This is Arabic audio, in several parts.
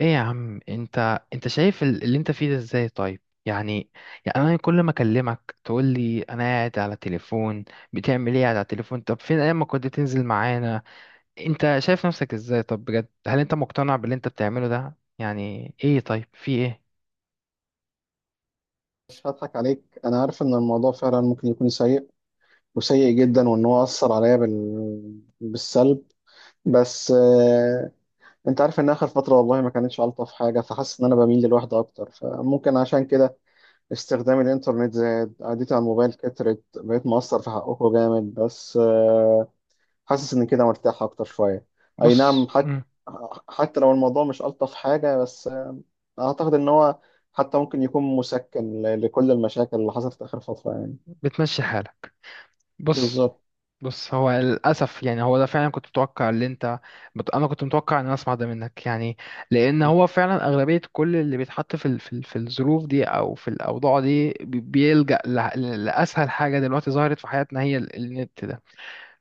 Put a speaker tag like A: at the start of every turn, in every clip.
A: ايه يا عم، انت شايف اللي انت فيه ده ازاي؟ طيب يعني، انا كل ما اكلمك تقول لي انا قاعد على تليفون. بتعمل ايه قاعد على التليفون؟ طب فين ايام ما كنت تنزل معانا؟ انت شايف نفسك ازاي؟ طب بجد، هل انت مقتنع باللي انت بتعمله ده؟ يعني ايه؟ طيب في ايه؟
B: مش هضحك عليك. انا عارف ان الموضوع فعلا ممكن يكون سيء وسيء جدا، وان هو اثر عليا بالسلب. بس انت عارف ان اخر فتره والله ما كانتش الطف حاجه، فحاسس ان انا بميل للوحده اكتر، فممكن عشان كده استخدام الانترنت زاد، قعدتي على الموبايل كترت، بقيت مقصر في حقكم جامد. بس حاسس ان كده مرتاح اكتر شويه. اي
A: بص.
B: نعم. حتى حتى لو الموضوع مش الطف حاجه، بس اعتقد ان هو حتى ممكن يكون مسكن لكل المشاكل اللي حصلت آخر فترة، يعني.
A: بتمشي حالك. بص
B: بالظبط.
A: بص هو للأسف يعني، هو ده فعلا، كنت متوقع اللي انت، أنا كنت متوقع إن أنا أسمع ده منك يعني. لأن هو فعلا أغلبية كل اللي بيتحط في الظروف دي أو في الأوضاع دي بيلجأ لأسهل حاجة دلوقتي ظهرت في حياتنا، هي النت ده.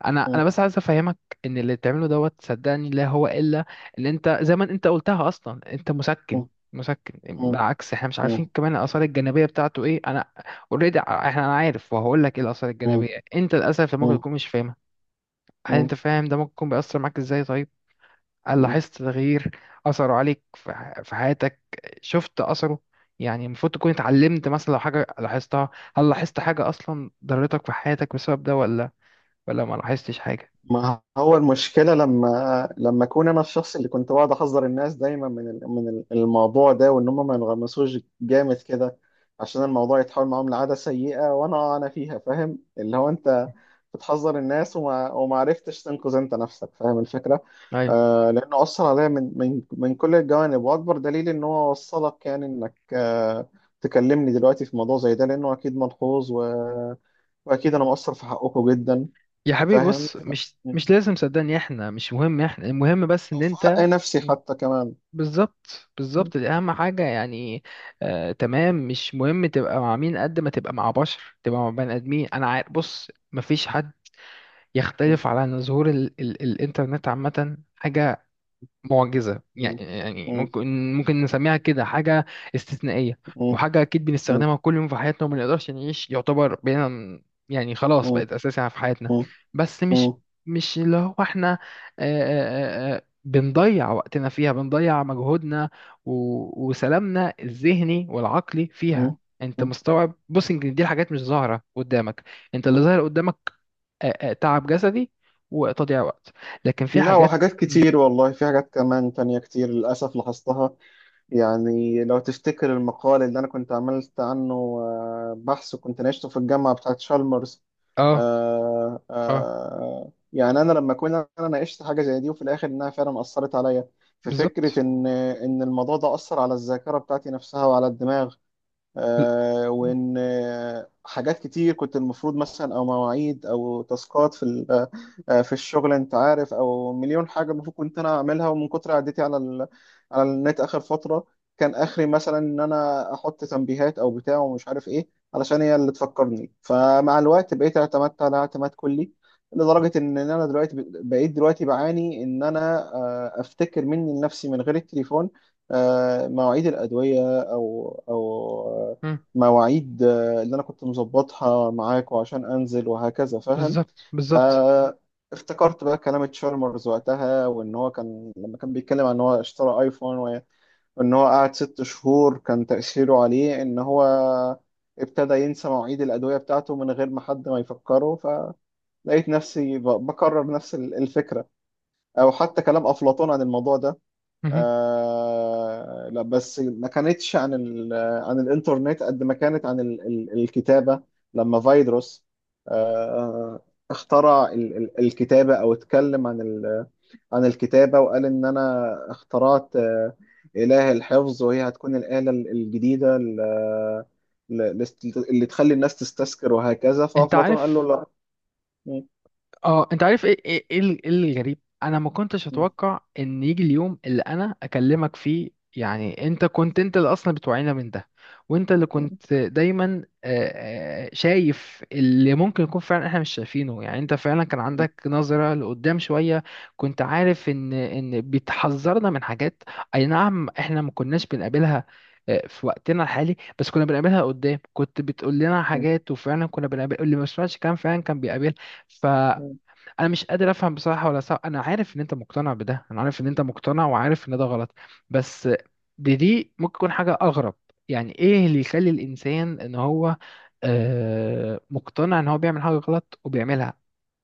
A: أنا
B: مم.
A: بس عايز أفهمك إن اللي بتعمله دوت، صدقني لا هو إلا، إن أنت زي ما أنت قلتها أصلا، أنت مسكن.
B: مم.
A: مسكن.
B: مم.
A: بالعكس، احنا مش عارفين
B: مم.
A: كمان الاثار الجانبيه بتاعته ايه. انا اوريدي، احنا، انا عارف وهقول لك ايه الاثار الجانبيه.
B: مم.
A: انت للاسف ممكن تكون مش فاهم. هل انت
B: مم.
A: فاهم ده ممكن بيأثر معاك ازاي؟ طيب، هل
B: مم.
A: لاحظت تغيير، أثره عليك في في حياتك؟ شفت أثره؟ يعني المفروض تكون اتعلمت مثلا لو حاجة لاحظتها. هل لاحظت حاجة أصلا ضرتك في حياتك بسبب ده، ولا ما لاحظتش حاجة؟
B: ما هو المشكلة لما أكون أنا الشخص اللي كنت بقعد أحذر الناس دايما الموضوع ده، وإن هم ما ينغمسوش جامد كده عشان الموضوع يتحول معاهم لعادة سيئة. وأنا فيها فاهم، اللي هو أنت بتحذر الناس، وما عرفتش تنقذ أنت نفسك. فاهم الفكرة؟
A: أيوة.
B: آه، لأنه أثر عليا من كل الجوانب، وأكبر دليل إن هو وصلك، يعني إنك تكلمني دلوقتي في موضوع زي ده، لأنه أكيد ملحوظ وأكيد أنا مقصر في حقكم جدا.
A: يا حبيبي
B: فاهم؟
A: بص، مش لازم، صدقني احنا مش مهم، احنا المهم بس ان
B: او في حق
A: انت.
B: نفسي حتى كمان.
A: بالظبط، دي اهم حاجة يعني. آه تمام، مش مهم تبقى مع مين، قد ما تبقى مع بشر، تبقى مع بني ادمين. انا عارف. بص، مفيش حد يختلف على أن ظهور ال ال الإنترنت عامة، حاجة معجزة يعني، ممكن، نسميها كده حاجة استثنائية. وحاجة أكيد بنستخدمها كل يوم في حياتنا، وما نقدرش نعيش يعتبر بينا. يعني خلاص، بقت أساسية في حياتنا. بس مش، اللي هو إحنا، بنضيع وقتنا فيها، بنضيع مجهودنا وسلامنا الذهني والعقلي فيها. انت مستوعب؟ بص، يمكن دي الحاجات مش ظاهرة قدامك، انت اللي ظاهر قدامك تعب جسدي وتضييع وقت، لكن في
B: لا،
A: حاجات.
B: وحاجات
A: مم.
B: كتير والله، في حاجات كمان تانية كتير للأسف لاحظتها، يعني. لو تفتكر المقال اللي أنا كنت عملت عنه بحث، وكنت ناقشته في الجامعة بتاعت شالمرز.
A: اه. اه.
B: يعني أنا لما أكون أنا ناقشت حاجة زي دي، وفي الآخر إنها فعلا أثرت عليا في فكرة
A: بالظبط.
B: إن الموضوع ده أثر على الذاكرة بتاعتي نفسها وعلى الدماغ.
A: ب-
B: وان حاجات كتير كنت المفروض مثلا، او مواعيد او تاسكات في الشغل، انت عارف، او مليون حاجه المفروض كنت انا اعملها، ومن كتر عدتي على النت اخر فتره. كان اخري مثلا ان انا احط تنبيهات او بتاع ومش عارف ايه، علشان هي اللي تفكرني، فمع الوقت بقيت اعتمدت على اعتماد كلي، لدرجه ان انا دلوقتي بقيت دلوقتي بعاني ان انا افتكر مني لنفسي من غير التليفون. مواعيد الادويه، او
A: مم.
B: مواعيد اللي انا كنت مظبطها معاك وعشان انزل وهكذا، فاهم.
A: بالظبط، بالظبط.
B: فافتكرت بقى كلام تشارمرز وقتها، وان هو كان لما كان بيتكلم عن ان هو اشترى ايفون، وان هو قعد ست شهور كان تأثيره عليه ان هو ابتدى ينسى مواعيد الأدوية بتاعته من غير ما حد ما يفكره. فلقيت نفسي بكرر نفس الفكرة، او حتى كلام أفلاطون عن الموضوع ده.
A: مهم.
B: آه لا، بس ما كانتش عن عن الانترنت قد ما كانت عن ال ال الكتابة. لما فيدروس آه اخترع ال ال الكتابة، او اتكلم عن عن الكتابة، وقال ان انا اخترعت إله الحفظ، وهي هتكون الآلة الجديدة ل- اللي تخلي الناس تستذكر وهكذا.
A: انت
B: فأفلاطون قال
A: عارف،
B: له
A: اه انت عارف ايه، إيه الغريب، انا ما كنتش اتوقع ان يجي اليوم اللي انا اكلمك فيه. يعني انت كنت، انت اللي اصلا بتوعينا من ده، وانت اللي كنت دايما شايف اللي ممكن يكون فعلا احنا مش شايفينه. يعني انت فعلا كان عندك نظرة لقدام شوية، كنت عارف ان بتحذرنا من حاجات. اي نعم، احنا ما كناش بنقابلها في وقتنا الحالي، بس كنا بنقابلها قدام. كنت بتقول لنا حاجات وفعلا كنا بنقابل، اللي ما سمعش كلام فعلا كان بيقابل.
B: لا.
A: انا مش قادر افهم بصراحه، ولا صح؟ انا عارف ان انت مقتنع بده، انا عارف ان انت مقتنع وعارف ان ده غلط، بس دي ممكن تكون حاجه اغرب. يعني ايه اللي يخلي الانسان ان هو مقتنع ان هو بيعمل حاجه غلط وبيعملها؟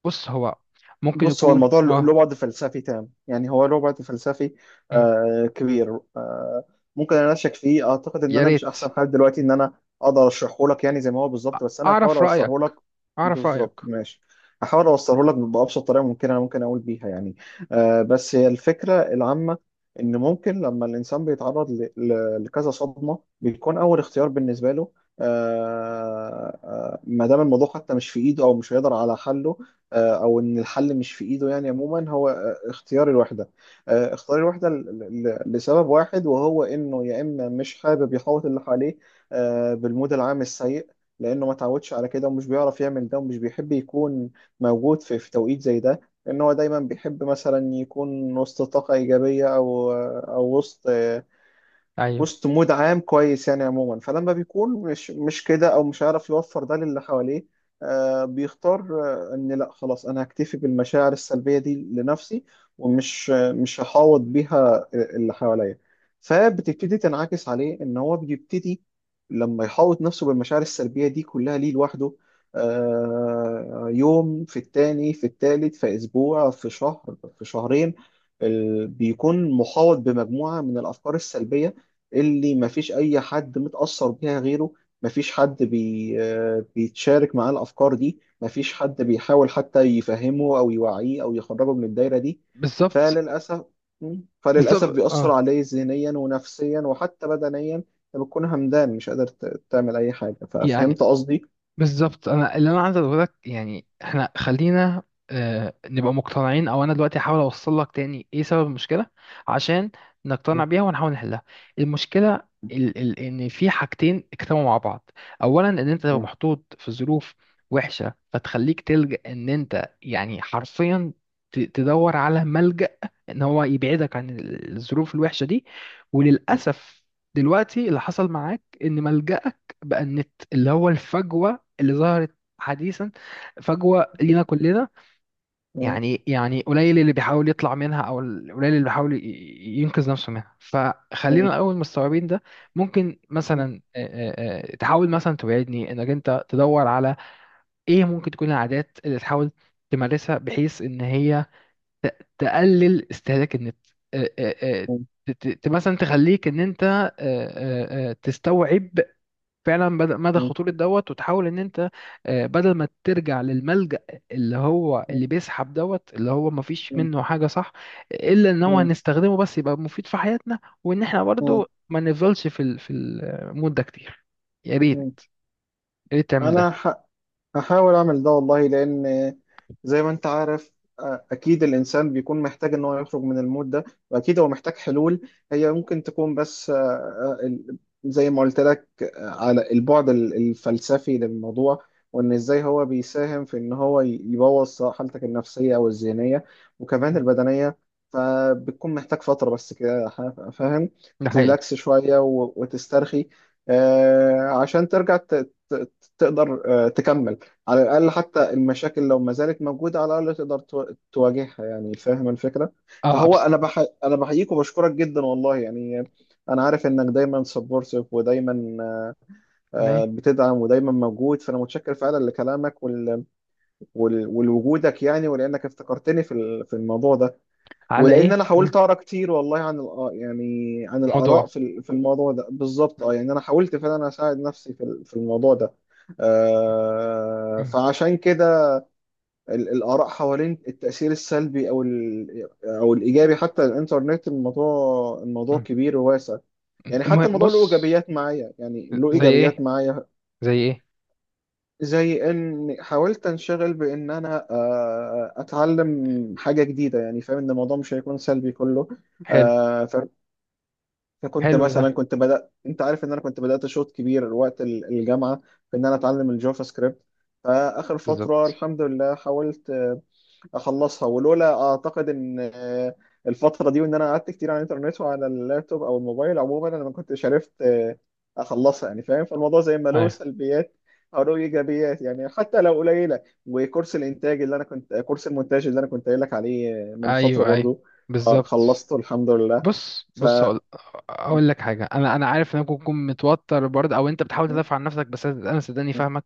A: بص هو ممكن
B: بص، هو
A: يكون
B: الموضوع
A: اه،
B: له بعد فلسفي تام، يعني هو له بعد فلسفي
A: مم،
B: كبير. ممكن انا اشك فيه. اعتقد ان
A: يا
B: انا مش
A: ريت.
B: احسن حال دلوقتي ان انا اقدر اشرحه لك يعني زي ما هو
A: أ-
B: بالظبط، بس انا هحاول
A: اعرف
B: اوصله
A: رايك.
B: لك.
A: اعرف
B: بالظبط
A: رايك.
B: ماشي. هحاول اوصله لك بابسط طريقه ممكنه انا ممكن اقول بيها، يعني. بس هي الفكره العامه ان ممكن لما الانسان بيتعرض لكذا صدمه، بيكون اول اختيار بالنسبه له ما دام الموضوع حتى مش في ايده او مش هيقدر على حله، او ان الحل مش في ايده، يعني عموما هو اختيار الوحده. اختيار الوحده لسبب واحد، وهو انه يا اما مش حابب يحوط اللي حواليه بالمود العام السيء، لانه ما تعودش على كده، ومش بيعرف يعمل ده، ومش بيحب يكون موجود في توقيت زي ده، لان هو دايما بيحب مثلا يكون وسط طاقه ايجابيه، او او وسط
A: ايوه.
B: وسط مود عام كويس، يعني عموما. فلما بيكون مش كده، او مش عارف يوفر ده للي حواليه، بيختار ان لا، خلاص، انا هكتفي بالمشاعر السلبيه دي لنفسي، ومش مش هحاوط بيها اللي حواليا. فبتبتدي تنعكس عليه ان هو بيبتدي، لما يحاوط نفسه بالمشاعر السلبيه دي كلها ليه لوحده، يوم، في التاني، في التالت، في اسبوع، في شهر، في شهرين، بيكون محاوط بمجموعه من الافكار السلبيه اللي مفيش أي حد متأثر بيها غيره، مفيش حد بي آه، بيتشارك معاه الأفكار دي، مفيش حد بيحاول حتى يفهمه أو يوعيه أو يخرجه من الدايرة دي.
A: بالظبط،
B: فللأسف فللأسف
A: بالظبط،
B: بيأثر
A: اه
B: عليه ذهنيا ونفسيا وحتى بدنيا. انت بتكون همدان، مش قادر تعمل أي حاجة.
A: يعني.
B: ففهمت قصدي؟
A: بالظبط، انا اللي انا عايز اقول لك يعني، احنا خلينا نبقى مقتنعين، او انا دلوقتي هحاول اوصل لك تاني ايه سبب المشكله، عشان نقتنع
B: مم.
A: بيها ونحاول نحلها. المشكله ال ال ان في حاجتين اجتمعوا مع بعض. اولا، ان انت لو
B: مم.
A: محطوط في ظروف وحشه، فتخليك تلجأ ان انت يعني حرفيا تدور على ملجأ ان هو يبعدك عن الظروف الوحشه دي. وللاسف دلوقتي اللي حصل معاك ان ملجأك بقى النت، اللي هو الفجوة اللي ظهرت حديثا، فجوة لينا كلنا.
B: مم.
A: يعني، قليل اللي بيحاول يطلع منها، او قليل اللي بيحاول ينقذ نفسه منها. فخلينا
B: مم.
A: الاول مستوعبين ده. ممكن
B: مم.
A: مثلا، تحاول مثلا تبعدني، انك انت تدور على ايه ممكن تكون العادات اللي تحاول تمارسها بحيث ان هي تقلل استهلاك النت، آه، آه، آه،
B: مم.
A: مثلا تخليك ان انت تستوعب فعلا بدأ مدى خطورة دوت، وتحاول ان انت، بدل ما ترجع للملجأ اللي هو اللي
B: مم.
A: بيسحب دوت، اللي هو ما فيش
B: مم.
A: منه حاجة صح، الا ان هو
B: مم.
A: هنستخدمه بس يبقى مفيد في حياتنا، وان احنا برضو ما نفضلش في المود ده كتير. يا
B: مم.
A: ريت، تعمل ده.
B: أنا ح... هحاول اعمل ده والله، لان زي ما انت عارف اكيد الانسان بيكون محتاج ان هو يخرج من المود ده، واكيد هو محتاج حلول هي ممكن تكون، بس زي ما قلت لك على البعد الفلسفي للموضوع، وان ازاي هو بيساهم في ان هو يبوظ حالتك النفسية او الذهنية وكمان
A: مم.
B: البدنية. فبتكون محتاج فترة بس كده، فاهم،
A: ده حقيقي.
B: تريلاكس شوية وتسترخي، عشان ترجع ت- تقدر تكمل، على الأقل. حتى المشاكل لو ما زالت موجودة، على الأقل تقدر تواجهها، يعني. فاهم الفكرة.
A: اه
B: فهو
A: ابسط.
B: أنا بحييك وبشكرك جدا والله، يعني. أنا عارف إنك دايما سبورتيف، ودايما
A: على ايه؟
B: بتدعم، ودايما موجود، فأنا متشكر فعلا لكلامك ولوجودك، يعني، ولأنك افتكرتني في الموضوع ده،
A: على
B: ولأن
A: ايه؟
B: أنا
A: مم.
B: حاولت أقرأ كتير والله عن يعني عن الآراء
A: موضوع.
B: في الموضوع ده بالظبط.
A: مم.
B: يعني أنا حاولت فعلا أساعد نفسي في الموضوع ده،
A: مم.
B: فعشان كده الآراء حوالين التأثير السلبي أو أو الإيجابي حتى الإنترنت، الموضوع
A: مم.
B: كبير وواسع، يعني. حتى
A: المهم
B: الموضوع له
A: بص،
B: إيجابيات معايا، يعني له
A: زي ايه؟
B: إيجابيات معايا،
A: زي ايه؟
B: زي إن حاولت أنشغل بإن أنا أتعلم حاجة جديدة، يعني فاهم إن الموضوع مش هيكون سلبي كله.
A: حلو.
B: آه، ف- فكنت
A: حلو ده.
B: مثلا، كنت بدأت، أنت عارف إن أنا كنت بدأت شوط كبير وقت الجامعة، في إن أنا أتعلم الجافا سكريبت. فآخر فترة
A: بالظبط.
B: الحمد لله حاولت اخلصها، ولولا اعتقد ان الفتره دي وان انا قعدت كتير على الانترنت وعلى اللابتوب او الموبايل عموما، انا ما كنتش عرفت اخلصها، يعني فاهم. فالموضوع زي ما له
A: ايوه
B: سلبيات، او له ايجابيات، يعني حتى لو قليله. وكورس الانتاج اللي انا كنت كورس المونتاج اللي انا كنت قايل لك عليه من فتره
A: ايوه ايوه.
B: برضو،
A: بالظبط.
B: خلصته الحمد لله.
A: بص
B: ف
A: بص هقول،
B: م-
A: اقول لك حاجه. انا عارف انك ممكن تكون متوتر برضه، او انت بتحاول
B: م-
A: تدافع عن نفسك، بس انا صدقني فاهمك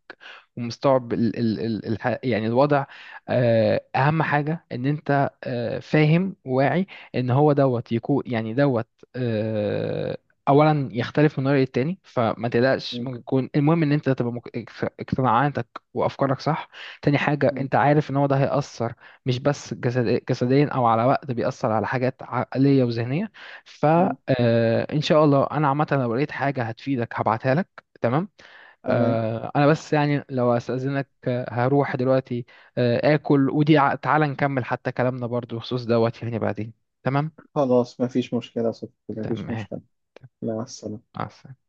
A: ومستوعب يعني الوضع. اهم حاجه ان انت فاهم وواعي ان هو دوت يكون يعني دوت آه، اولا يختلف من رأي التاني، فما تقلقش.
B: م-
A: ممكن يكون المهم ان انت تبقى اقتناعاتك وافكارك صح. تاني حاجه،
B: م-
A: انت عارف ان هو ده هيأثر مش بس جسديا او على وقت، بيأثر على حاجات عقليه وذهنيه.
B: م-
A: فإن شاء الله أنا عامة لو لقيت حاجة هتفيدك هبعتها لك. تمام؟
B: تمام.
A: أنا بس يعني لو أستأذنك، هروح دلوقتي، آكل ودي، تعالى نكمل حتى كلامنا برضو بخصوص دوت يعني بعدين. تمام.
B: خلاص، مفيش مشكلة يا صديقي. مفيش
A: تمام.
B: مشكلة. مع السلامة.
A: مع السلامة.